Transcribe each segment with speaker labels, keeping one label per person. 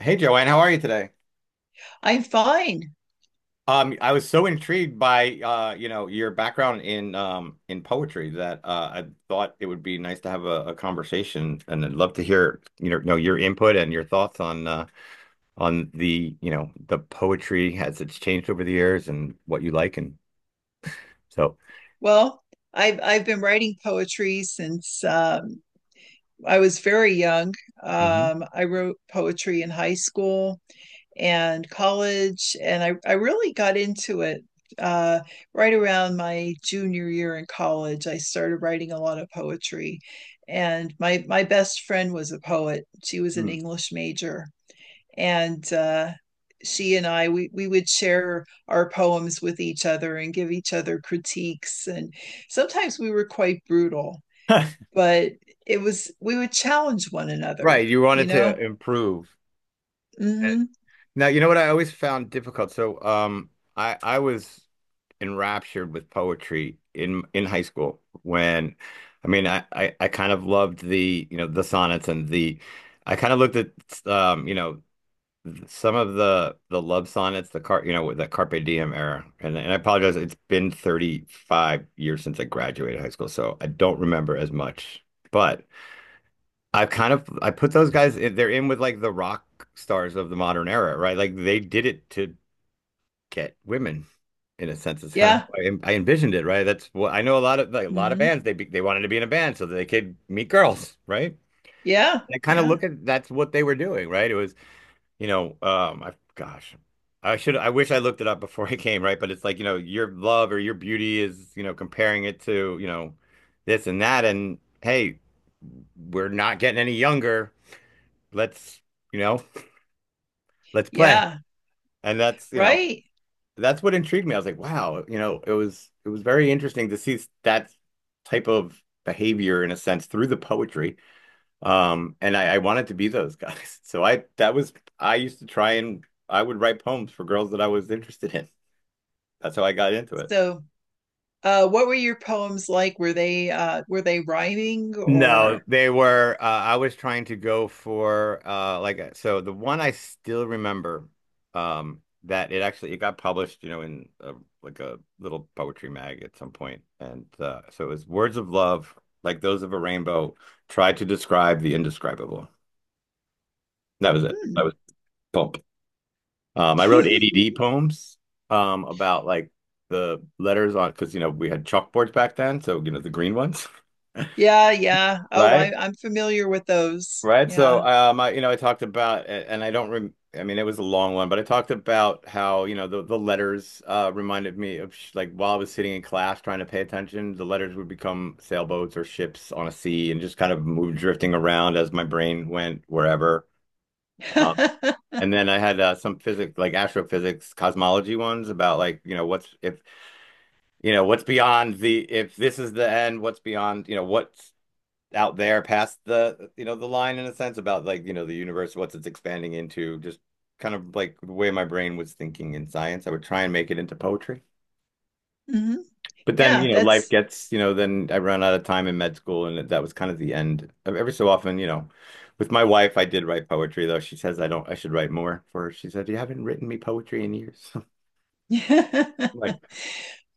Speaker 1: Hey Joanne, how are you today?
Speaker 2: I'm fine.
Speaker 1: I was so intrigued by you know, your background in in poetry that I thought it would be nice to have a conversation, and I'd love to hear know your input and your thoughts on the you know the poetry as it's changed over the years and what you like and so.
Speaker 2: Well, I've been writing poetry since I was very young.
Speaker 1: Mhm.
Speaker 2: I wrote poetry in high school and college, and I really got into it uh, right around my junior year in college. I started writing a lot of poetry, and my best friend was a poet. She was an
Speaker 1: Hmm.
Speaker 2: English major, and she and I we would share our poems with each other and give each other critiques, and sometimes we were quite brutal, but it was we would challenge one another
Speaker 1: Right, you
Speaker 2: you
Speaker 1: wanted to
Speaker 2: know
Speaker 1: improve.
Speaker 2: mm-hmm.
Speaker 1: Now, you know what I always found difficult. So, I was enraptured with poetry in high school when I mean I kind of loved the you know the sonnets, and the I kind of looked at um you know some of the love sonnets, the car you know with the Carpe Diem era, and I apologize, it's been 35 years since I graduated high school, so I don't remember as much, but I've kind of I put those guys, they're in with like the rock stars of the modern era, right? Like they did it to get women, in a sense. It's kind of
Speaker 2: Yeah.
Speaker 1: how I envisioned it, right? That's what I know, a lot of
Speaker 2: Mm-hmm.
Speaker 1: bands, they wanted to be in a band so that they could meet girls, right?
Speaker 2: Yeah,
Speaker 1: And I kind of
Speaker 2: yeah,
Speaker 1: look at, that's what they were doing, right? It was, I gosh, I wish I looked it up before I came, right? But it's like, your love or your beauty is, comparing it to, this and that, and hey, we're not getting any younger. Let's, you know, let's play.
Speaker 2: yeah.
Speaker 1: And that's, you know,
Speaker 2: Right.
Speaker 1: that's what intrigued me. I was like, wow, it was very interesting to see that type of behavior, in a sense, through the poetry. And I wanted to be those guys. So I that was I used to try, and I would write poems for girls that I was interested in. That's how I got into it.
Speaker 2: So what were your poems like? Were they rhyming,
Speaker 1: No,
Speaker 2: or?
Speaker 1: they were. I was trying to go for like so. The one I still remember, that it actually it got published, in a, like a little poetry mag at some point, and so it was, "Words of love, like those of a rainbow, try to describe the indescribable." That was it.
Speaker 2: Hmm.
Speaker 1: That was pulp. I wrote ADD poems, about like the letters, on because you know we had chalkboards back then, so you know, the green ones.
Speaker 2: Yeah, yeah. Oh, I,
Speaker 1: Right?
Speaker 2: I'm familiar with those.
Speaker 1: Right.
Speaker 2: Yeah.
Speaker 1: So, I talked about, a- and I don't rem I mean, it was a long one, but I talked about how, the letters reminded me of, sh like, while I was sitting in class trying to pay attention, the letters would become sailboats or ships on a sea, and just kind of move, drifting around as my brain went wherever. Um, and then I had some physics, like astrophysics, cosmology ones, about like, what's if, what's beyond if this is the end, what's beyond, what's out there past the you know the line, in a sense, about like, the universe, what's, it's expanding into, just kind of like the way my brain was thinking in science. I would try and make it into poetry,
Speaker 2: Hmm.
Speaker 1: but then,
Speaker 2: Yeah,
Speaker 1: life
Speaker 2: that's.
Speaker 1: gets, then I ran out of time in med school, and that was kind of the end. Every so often, with my wife I did write poetry, though she says I don't I should write more for her. She said, "You haven't written me poetry in years." I'm
Speaker 2: Yeah,
Speaker 1: like,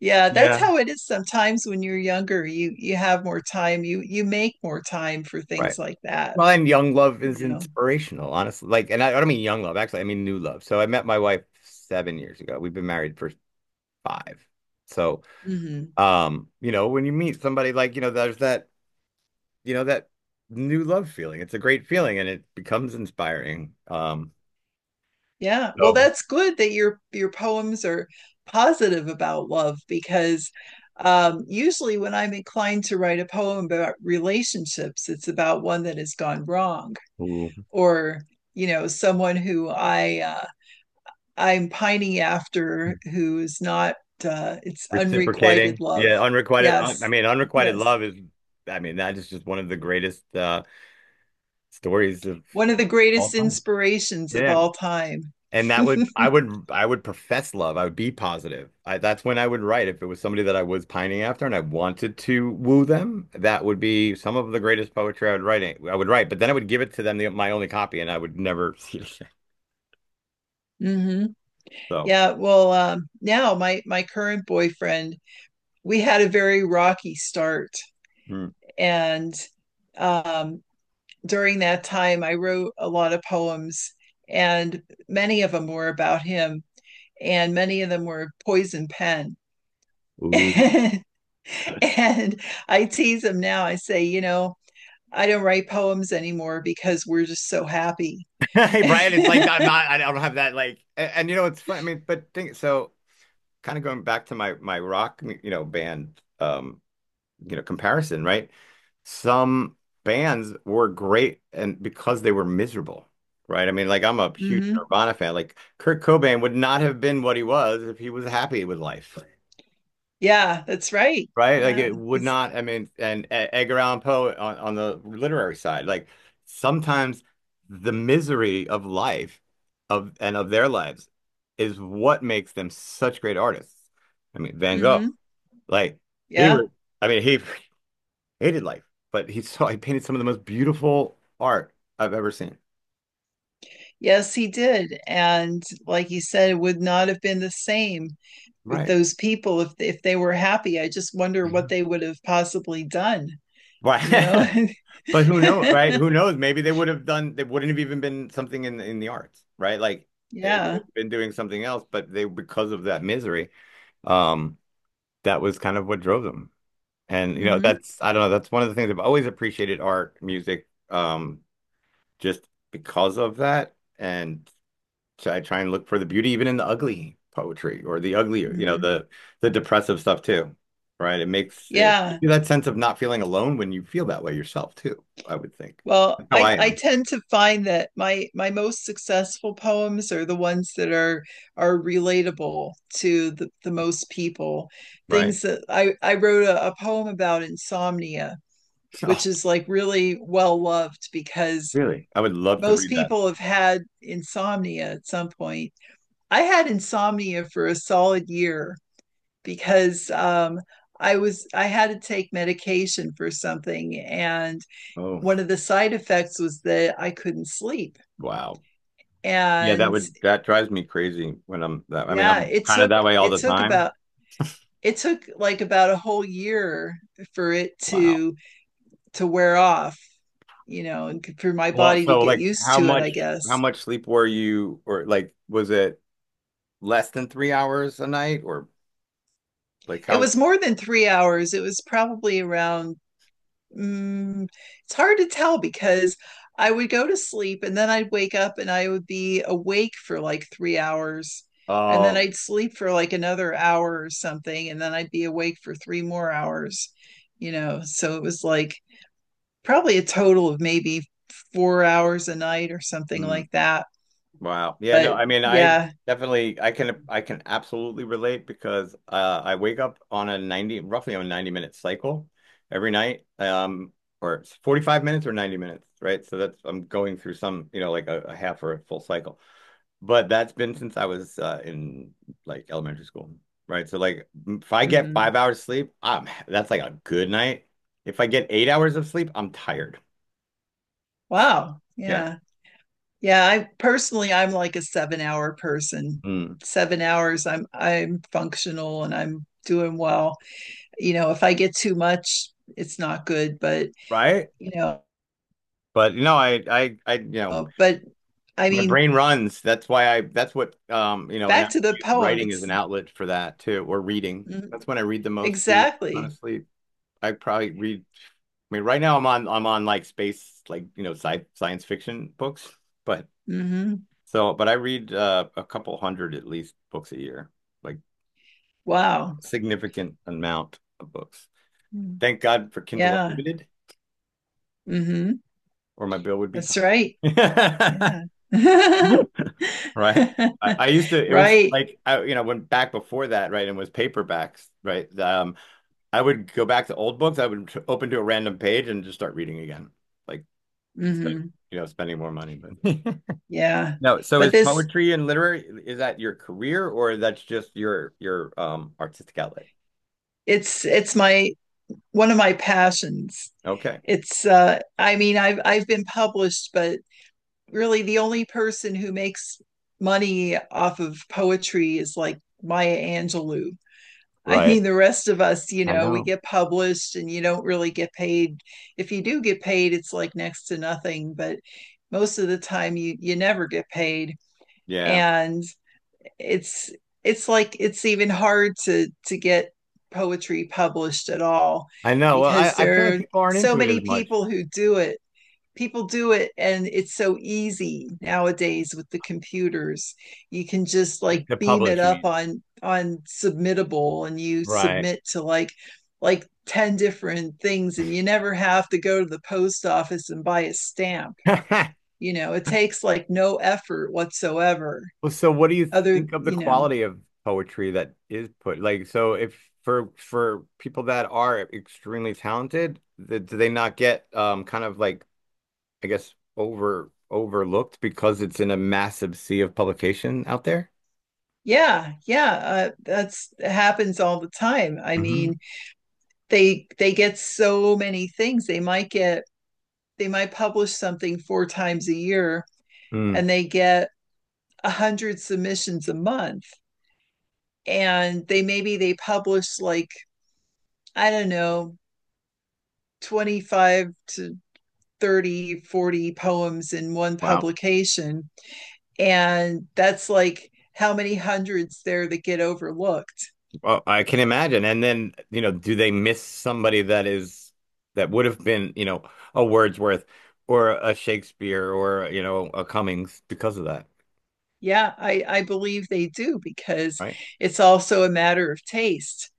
Speaker 2: that's
Speaker 1: yeah,
Speaker 2: how it is sometimes when you're younger. You have more time. You make more time for
Speaker 1: right.
Speaker 2: things like that,
Speaker 1: Find young love is
Speaker 2: you know.
Speaker 1: inspirational, honestly. Like, and I don't mean young love, actually, I mean new love. So I met my wife 7 years ago. We've been married for five. So,
Speaker 2: Hmm.
Speaker 1: when you meet somebody, like, there's that new love feeling. It's a great feeling, and it becomes inspiring.
Speaker 2: Yeah. Well,
Speaker 1: So,
Speaker 2: that's good that your poems are positive about love because usually when I'm inclined to write a poem about relationships, it's about one that has gone wrong,
Speaker 1: ooh,
Speaker 2: or, someone who I I'm pining after who is not, it's unrequited
Speaker 1: reciprocating,
Speaker 2: love.
Speaker 1: yeah, unrequited. I
Speaker 2: Yes,
Speaker 1: mean, unrequited
Speaker 2: yes.
Speaker 1: love is, I mean, that is just one of the greatest stories of
Speaker 2: One of the
Speaker 1: all
Speaker 2: greatest
Speaker 1: time.
Speaker 2: inspirations of
Speaker 1: Yeah.
Speaker 2: all time.
Speaker 1: And that would I would I would profess love. I would be positive. That's when I would write. If it was somebody that I was pining after and I wanted to woo them, that would be some of the greatest poetry I would write. I would write, but then I would give it to them, my only copy, and I would never see it.
Speaker 2: Hmm.
Speaker 1: So,
Speaker 2: Yeah, well, now my current boyfriend, we had a very rocky start,
Speaker 1: mm.
Speaker 2: and um, during that time, I wrote a lot of poems, and many of them were about him, and many of them were poison pen.
Speaker 1: Ooh.
Speaker 2: And I tease him now. I say, I don't write poems anymore because we're just so happy.
Speaker 1: Hey, Brian, it's like, I'm
Speaker 2: Mm-hmm.
Speaker 1: not. I don't have that, like. And you know, it's funny. I mean, but think so. Kind of going back to my rock, band, comparison, right? Some bands were great, and because they were miserable, right? I mean, like, I'm a huge Nirvana fan. Like, Kurt Cobain would not have been what he was if he was happy with life.
Speaker 2: Yeah, that's right.
Speaker 1: Right? Like,
Speaker 2: Yeah.
Speaker 1: it would
Speaker 2: That's.
Speaker 1: not, I mean, and Edgar Allan Poe, on the literary side, like, sometimes the misery of life, of and of their lives, is what makes them such great artists. I mean, Van Gogh,
Speaker 2: Mm-hmm.
Speaker 1: like, he
Speaker 2: Yeah.
Speaker 1: was, I mean, he hated life, but he painted some of the most beautiful art I've ever seen.
Speaker 2: Yes, he did. And like you said, it would not have been the same with
Speaker 1: Right.
Speaker 2: those people if they were happy. I just wonder what
Speaker 1: Yeah.
Speaker 2: they would have possibly done, you know?
Speaker 1: Right. But who knows, right? Who knows? Maybe they wouldn't have even been something in the arts, right? Like, they would
Speaker 2: Yeah.
Speaker 1: have been doing something else, but they because of that misery, um, that was kind of what drove them. And, you know,
Speaker 2: Hmm.
Speaker 1: that's I don't know, that's one of the things I've always appreciated: art, music, just because of that. And so, I try and look for the beauty even in the ugly poetry, or the ugly,
Speaker 2: Hmm.
Speaker 1: the depressive stuff too, right? It
Speaker 2: Yeah.
Speaker 1: gives you that sense of not feeling alone when you feel that way yourself too, I would think.
Speaker 2: Well,
Speaker 1: That's how
Speaker 2: I
Speaker 1: I
Speaker 2: I
Speaker 1: am,
Speaker 2: tend to find that my most successful poems are the ones that are relatable to the most people.
Speaker 1: right?
Speaker 2: Things that I wrote a poem about insomnia, which
Speaker 1: Oh,
Speaker 2: is like really well loved because
Speaker 1: really? I would love to
Speaker 2: most
Speaker 1: read that.
Speaker 2: people have had insomnia at some point. I had insomnia for a solid year because I had to take medication for something, and
Speaker 1: Oh,
Speaker 2: one of the side effects was that I couldn't sleep.
Speaker 1: wow. Yeah, that
Speaker 2: And
Speaker 1: would that drives me crazy when I'm that. I mean,
Speaker 2: yeah,
Speaker 1: I'm kind of that way all
Speaker 2: it
Speaker 1: the
Speaker 2: took
Speaker 1: time.
Speaker 2: about it took like about a whole year for it
Speaker 1: Wow.
Speaker 2: to wear off, and for my
Speaker 1: Well,
Speaker 2: body to
Speaker 1: so
Speaker 2: get
Speaker 1: like,
Speaker 2: used
Speaker 1: how
Speaker 2: to it,
Speaker 1: much
Speaker 2: I
Speaker 1: how
Speaker 2: guess.
Speaker 1: much sleep were you, or like, was it less than 3 hours a night, or like,
Speaker 2: It
Speaker 1: how?
Speaker 2: was more than 3 hours. It was probably around, mm, it's hard to tell because I would go to sleep, and then I'd wake up and I would be awake for like 3 hours. And then
Speaker 1: Oh.
Speaker 2: I'd sleep for like another hour or something. And then I'd be awake for three more hours. So it was like probably a total of maybe 4 hours a night or something
Speaker 1: Hmm.
Speaker 2: like that.
Speaker 1: Wow. Yeah, no,
Speaker 2: But
Speaker 1: I mean, I
Speaker 2: yeah.
Speaker 1: definitely I can I can absolutely relate, because I wake up on a 90, roughly on a 90-minute cycle every night. Or it's 45 minutes or 90 minutes, right? So that's I'm going through some, like a half or a full cycle. But that's been since I was in, like, elementary school, right? So like, if I get
Speaker 2: Mhm.
Speaker 1: 5 hours sleep, I'm that's like a good night. If I get 8 hours of sleep, I'm tired.
Speaker 2: Wow.
Speaker 1: Yeah.
Speaker 2: Yeah. Yeah, I personally, I'm like a 7 hour person.
Speaker 1: Mm.
Speaker 2: 7 hours, I'm functional and I'm doing well. If I get too much, it's not good. But
Speaker 1: Right?
Speaker 2: you know,
Speaker 1: But I you know
Speaker 2: uh, but I
Speaker 1: my
Speaker 2: mean,
Speaker 1: brain runs. That's what, and I
Speaker 2: back to the
Speaker 1: use
Speaker 2: poem.
Speaker 1: writing is
Speaker 2: It's
Speaker 1: an outlet for that too, or reading.
Speaker 2: mm,
Speaker 1: That's when I read the most too,
Speaker 2: exactly.
Speaker 1: honestly. I probably read, I mean, right now I'm on like, space, like, science fiction books, but
Speaker 2: Hmm.
Speaker 1: so, but I read a couple hundred at least books a year, like,
Speaker 2: Wow.
Speaker 1: significant amount of books.
Speaker 2: Mm.
Speaker 1: Thank God for Kindle
Speaker 2: Yeah.
Speaker 1: Unlimited,
Speaker 2: Hmm.
Speaker 1: or my bill would be
Speaker 2: That's right.
Speaker 1: high.
Speaker 2: Yeah.
Speaker 1: Right. I used to, it was
Speaker 2: Right.
Speaker 1: like, when, back before that, right, and was paperbacks, right? I would go back to old books. I would open to a random page and just start reading again, like, instead of,
Speaker 2: Hmm.
Speaker 1: spending more money. But
Speaker 2: Yeah.
Speaker 1: no, so,
Speaker 2: But
Speaker 1: is
Speaker 2: this,
Speaker 1: poetry and literary, is that your career, or that's just your artistic outlet?
Speaker 2: it's my one of my passions.
Speaker 1: Okay.
Speaker 2: It's I mean, I've been published, but really, the only person who makes money off of poetry is like Maya Angelou. I
Speaker 1: Right.
Speaker 2: mean, the rest of us you
Speaker 1: I
Speaker 2: know we
Speaker 1: know.
Speaker 2: get published and you don't really get paid. If you do get paid, it's like next to nothing, but most of the time you never get paid.
Speaker 1: Yeah.
Speaker 2: And it's it's like it's even hard to get poetry published at all
Speaker 1: I know. Well, I,
Speaker 2: because
Speaker 1: I feel
Speaker 2: there
Speaker 1: like
Speaker 2: are
Speaker 1: people aren't
Speaker 2: so
Speaker 1: into it
Speaker 2: many
Speaker 1: as much,
Speaker 2: people who do it. People do it, and it's so easy nowadays with the computers. You can just like
Speaker 1: to
Speaker 2: beam it
Speaker 1: publish, you
Speaker 2: up
Speaker 1: mean?
Speaker 2: on submittable, and you
Speaker 1: Right.
Speaker 2: submit to like 10 different things, and you never have to go to the post office and buy a stamp you know It takes like no effort whatsoever.
Speaker 1: Well, so what do you
Speaker 2: other
Speaker 1: think of the
Speaker 2: you know
Speaker 1: quality of poetry that is put? Like, so, if for people that are extremely talented, th do they not get, kind of like, I guess, overlooked, because it's in a massive sea of publication out there?
Speaker 2: Yeah, yeah. That's happens all the time. I
Speaker 1: Hmm.
Speaker 2: mean, they get so many things. They might publish something four times a year,
Speaker 1: Mm,
Speaker 2: and they get 100 submissions a month, and they maybe they publish like I don't know, 25 to 30, 40 poems in one
Speaker 1: wow.
Speaker 2: publication. And that's like how many hundreds there that get overlooked.
Speaker 1: Well, I can imagine. And then, do they miss somebody that would have been, a Wordsworth, or a Shakespeare, or, a Cummings, because of that,
Speaker 2: Yeah, I believe they do because
Speaker 1: right?
Speaker 2: it's also a matter of taste.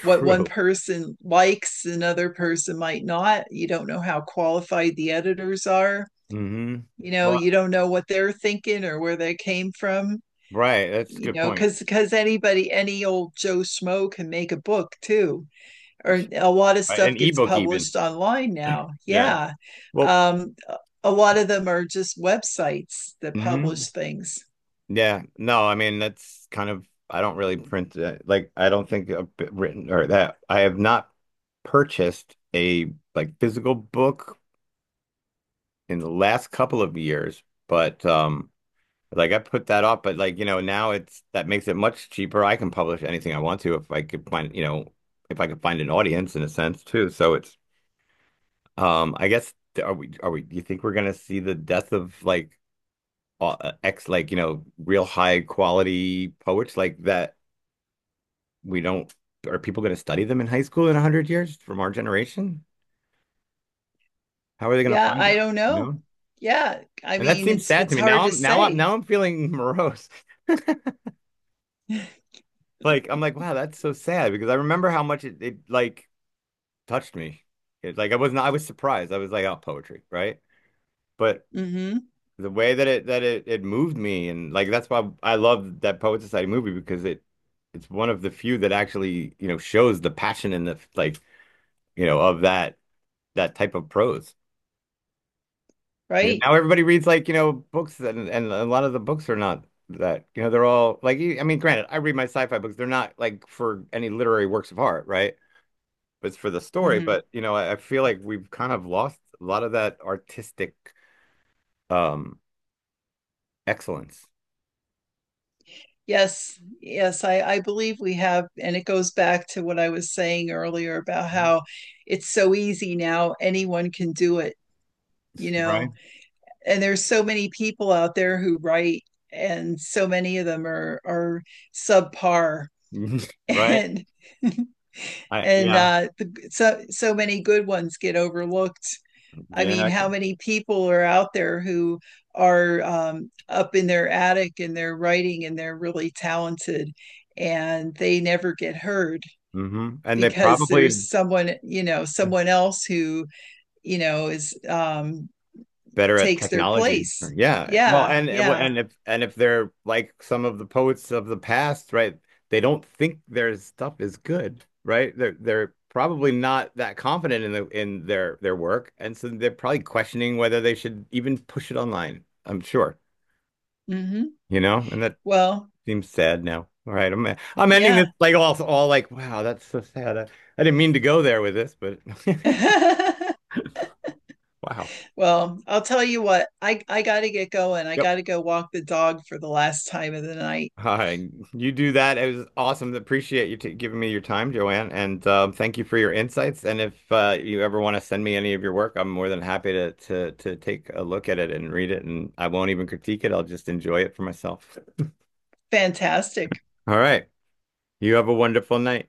Speaker 2: What one person likes, another person might not. You don't know how qualified the editors are.
Speaker 1: Hmm.
Speaker 2: You know,
Speaker 1: Well,
Speaker 2: you don't know what they're thinking or where they came from.
Speaker 1: right. That's a
Speaker 2: you
Speaker 1: good
Speaker 2: know
Speaker 1: point.
Speaker 2: because because anybody, any old Joe Schmo, can make a book too. Or a lot of
Speaker 1: Right.
Speaker 2: stuff
Speaker 1: An
Speaker 2: gets
Speaker 1: ebook, even.
Speaker 2: published online now,
Speaker 1: Yeah.
Speaker 2: yeah.
Speaker 1: Well,
Speaker 2: um a lot of them are just websites that
Speaker 1: hmm.
Speaker 2: publish things.
Speaker 1: Yeah. No, I mean, that's kind of, I don't really print, like, I don't think a bit written, or that I have not purchased a, like, physical book in the last couple of years, but like, I put that off, but like, now, it's that makes it much cheaper. I can publish anything I want to, if I could find, you know, if I could find an audience, in a sense too. So, it's, I guess, are we, you think, we're gonna see the death of, like, ex like, real high quality poets, like, that we don't are people gonna study them in high school in 100 years from our generation? How are they gonna
Speaker 2: Yeah,
Speaker 1: find
Speaker 2: I
Speaker 1: them?
Speaker 2: don't
Speaker 1: You
Speaker 2: know.
Speaker 1: know?
Speaker 2: Yeah, I
Speaker 1: And that
Speaker 2: mean,
Speaker 1: seems
Speaker 2: it's
Speaker 1: sad
Speaker 2: it's
Speaker 1: to me. Now
Speaker 2: hard to
Speaker 1: I'm now I'm
Speaker 2: say.
Speaker 1: now I'm feeling morose. Like, I'm like, wow, that's so sad, because I remember how much it like, touched me. It, like, I was not I was surprised. I was like, oh, poetry, right? But
Speaker 2: Mm-hmm.
Speaker 1: the way that it moved me, and like, that's why I love that Poet Society movie, because it's one of the few that actually, shows the passion and the, like, of that type of prose. You know,
Speaker 2: Right.
Speaker 1: now everybody reads, like, books, and a lot of the books are not that, they're all like, I mean, granted, I read my sci-fi books, they're not like for any literary works of art, right? But it's for the story.
Speaker 2: Hmm.
Speaker 1: But I feel like we've kind of lost a lot of that artistic um excellence.
Speaker 2: Yes. Yes. I believe we have, and it goes back to what I was saying earlier about how it's so easy now. Anyone can do it, you
Speaker 1: Right.
Speaker 2: know, and there's so many people out there who write, and so many of them are subpar.
Speaker 1: Right.
Speaker 2: And
Speaker 1: I
Speaker 2: and
Speaker 1: Yeah,
Speaker 2: the, so so many good ones get overlooked. I
Speaker 1: yeah,
Speaker 2: mean,
Speaker 1: I
Speaker 2: how
Speaker 1: can.
Speaker 2: many people are out there who are up in their attic and they're writing and they're really talented and they never get heard
Speaker 1: Hmm. And they
Speaker 2: because there's
Speaker 1: probably
Speaker 2: someone else who, you know, is
Speaker 1: better at
Speaker 2: takes their
Speaker 1: technology.
Speaker 2: place.
Speaker 1: Yeah. Well,
Speaker 2: Yeah,
Speaker 1: and
Speaker 2: yeah.
Speaker 1: and if and if they're like some of the poets of the past, right? They don't think their stuff is good, right? They're probably not that confident in their work, and so they're probably questioning whether they should even push it online. I'm sure,
Speaker 2: Hmm.
Speaker 1: and that
Speaker 2: Well,
Speaker 1: seems sad now. All right, I'm ending this
Speaker 2: yeah.
Speaker 1: like, all, like, wow, that's so sad. I didn't mean to go there with this, but wow.
Speaker 2: Well, I'll tell you what, I gotta get going. I
Speaker 1: Yep.
Speaker 2: gotta go walk the dog for the last time of the night.
Speaker 1: Hi, you do that. It was awesome. Appreciate you t giving me your time, Joanne, and thank you for your insights. And if you ever want to send me any of your work, I'm more than happy to take a look at it and read it. And I won't even critique it. I'll just enjoy it for myself.
Speaker 2: Fantastic.
Speaker 1: All right. You have a wonderful night.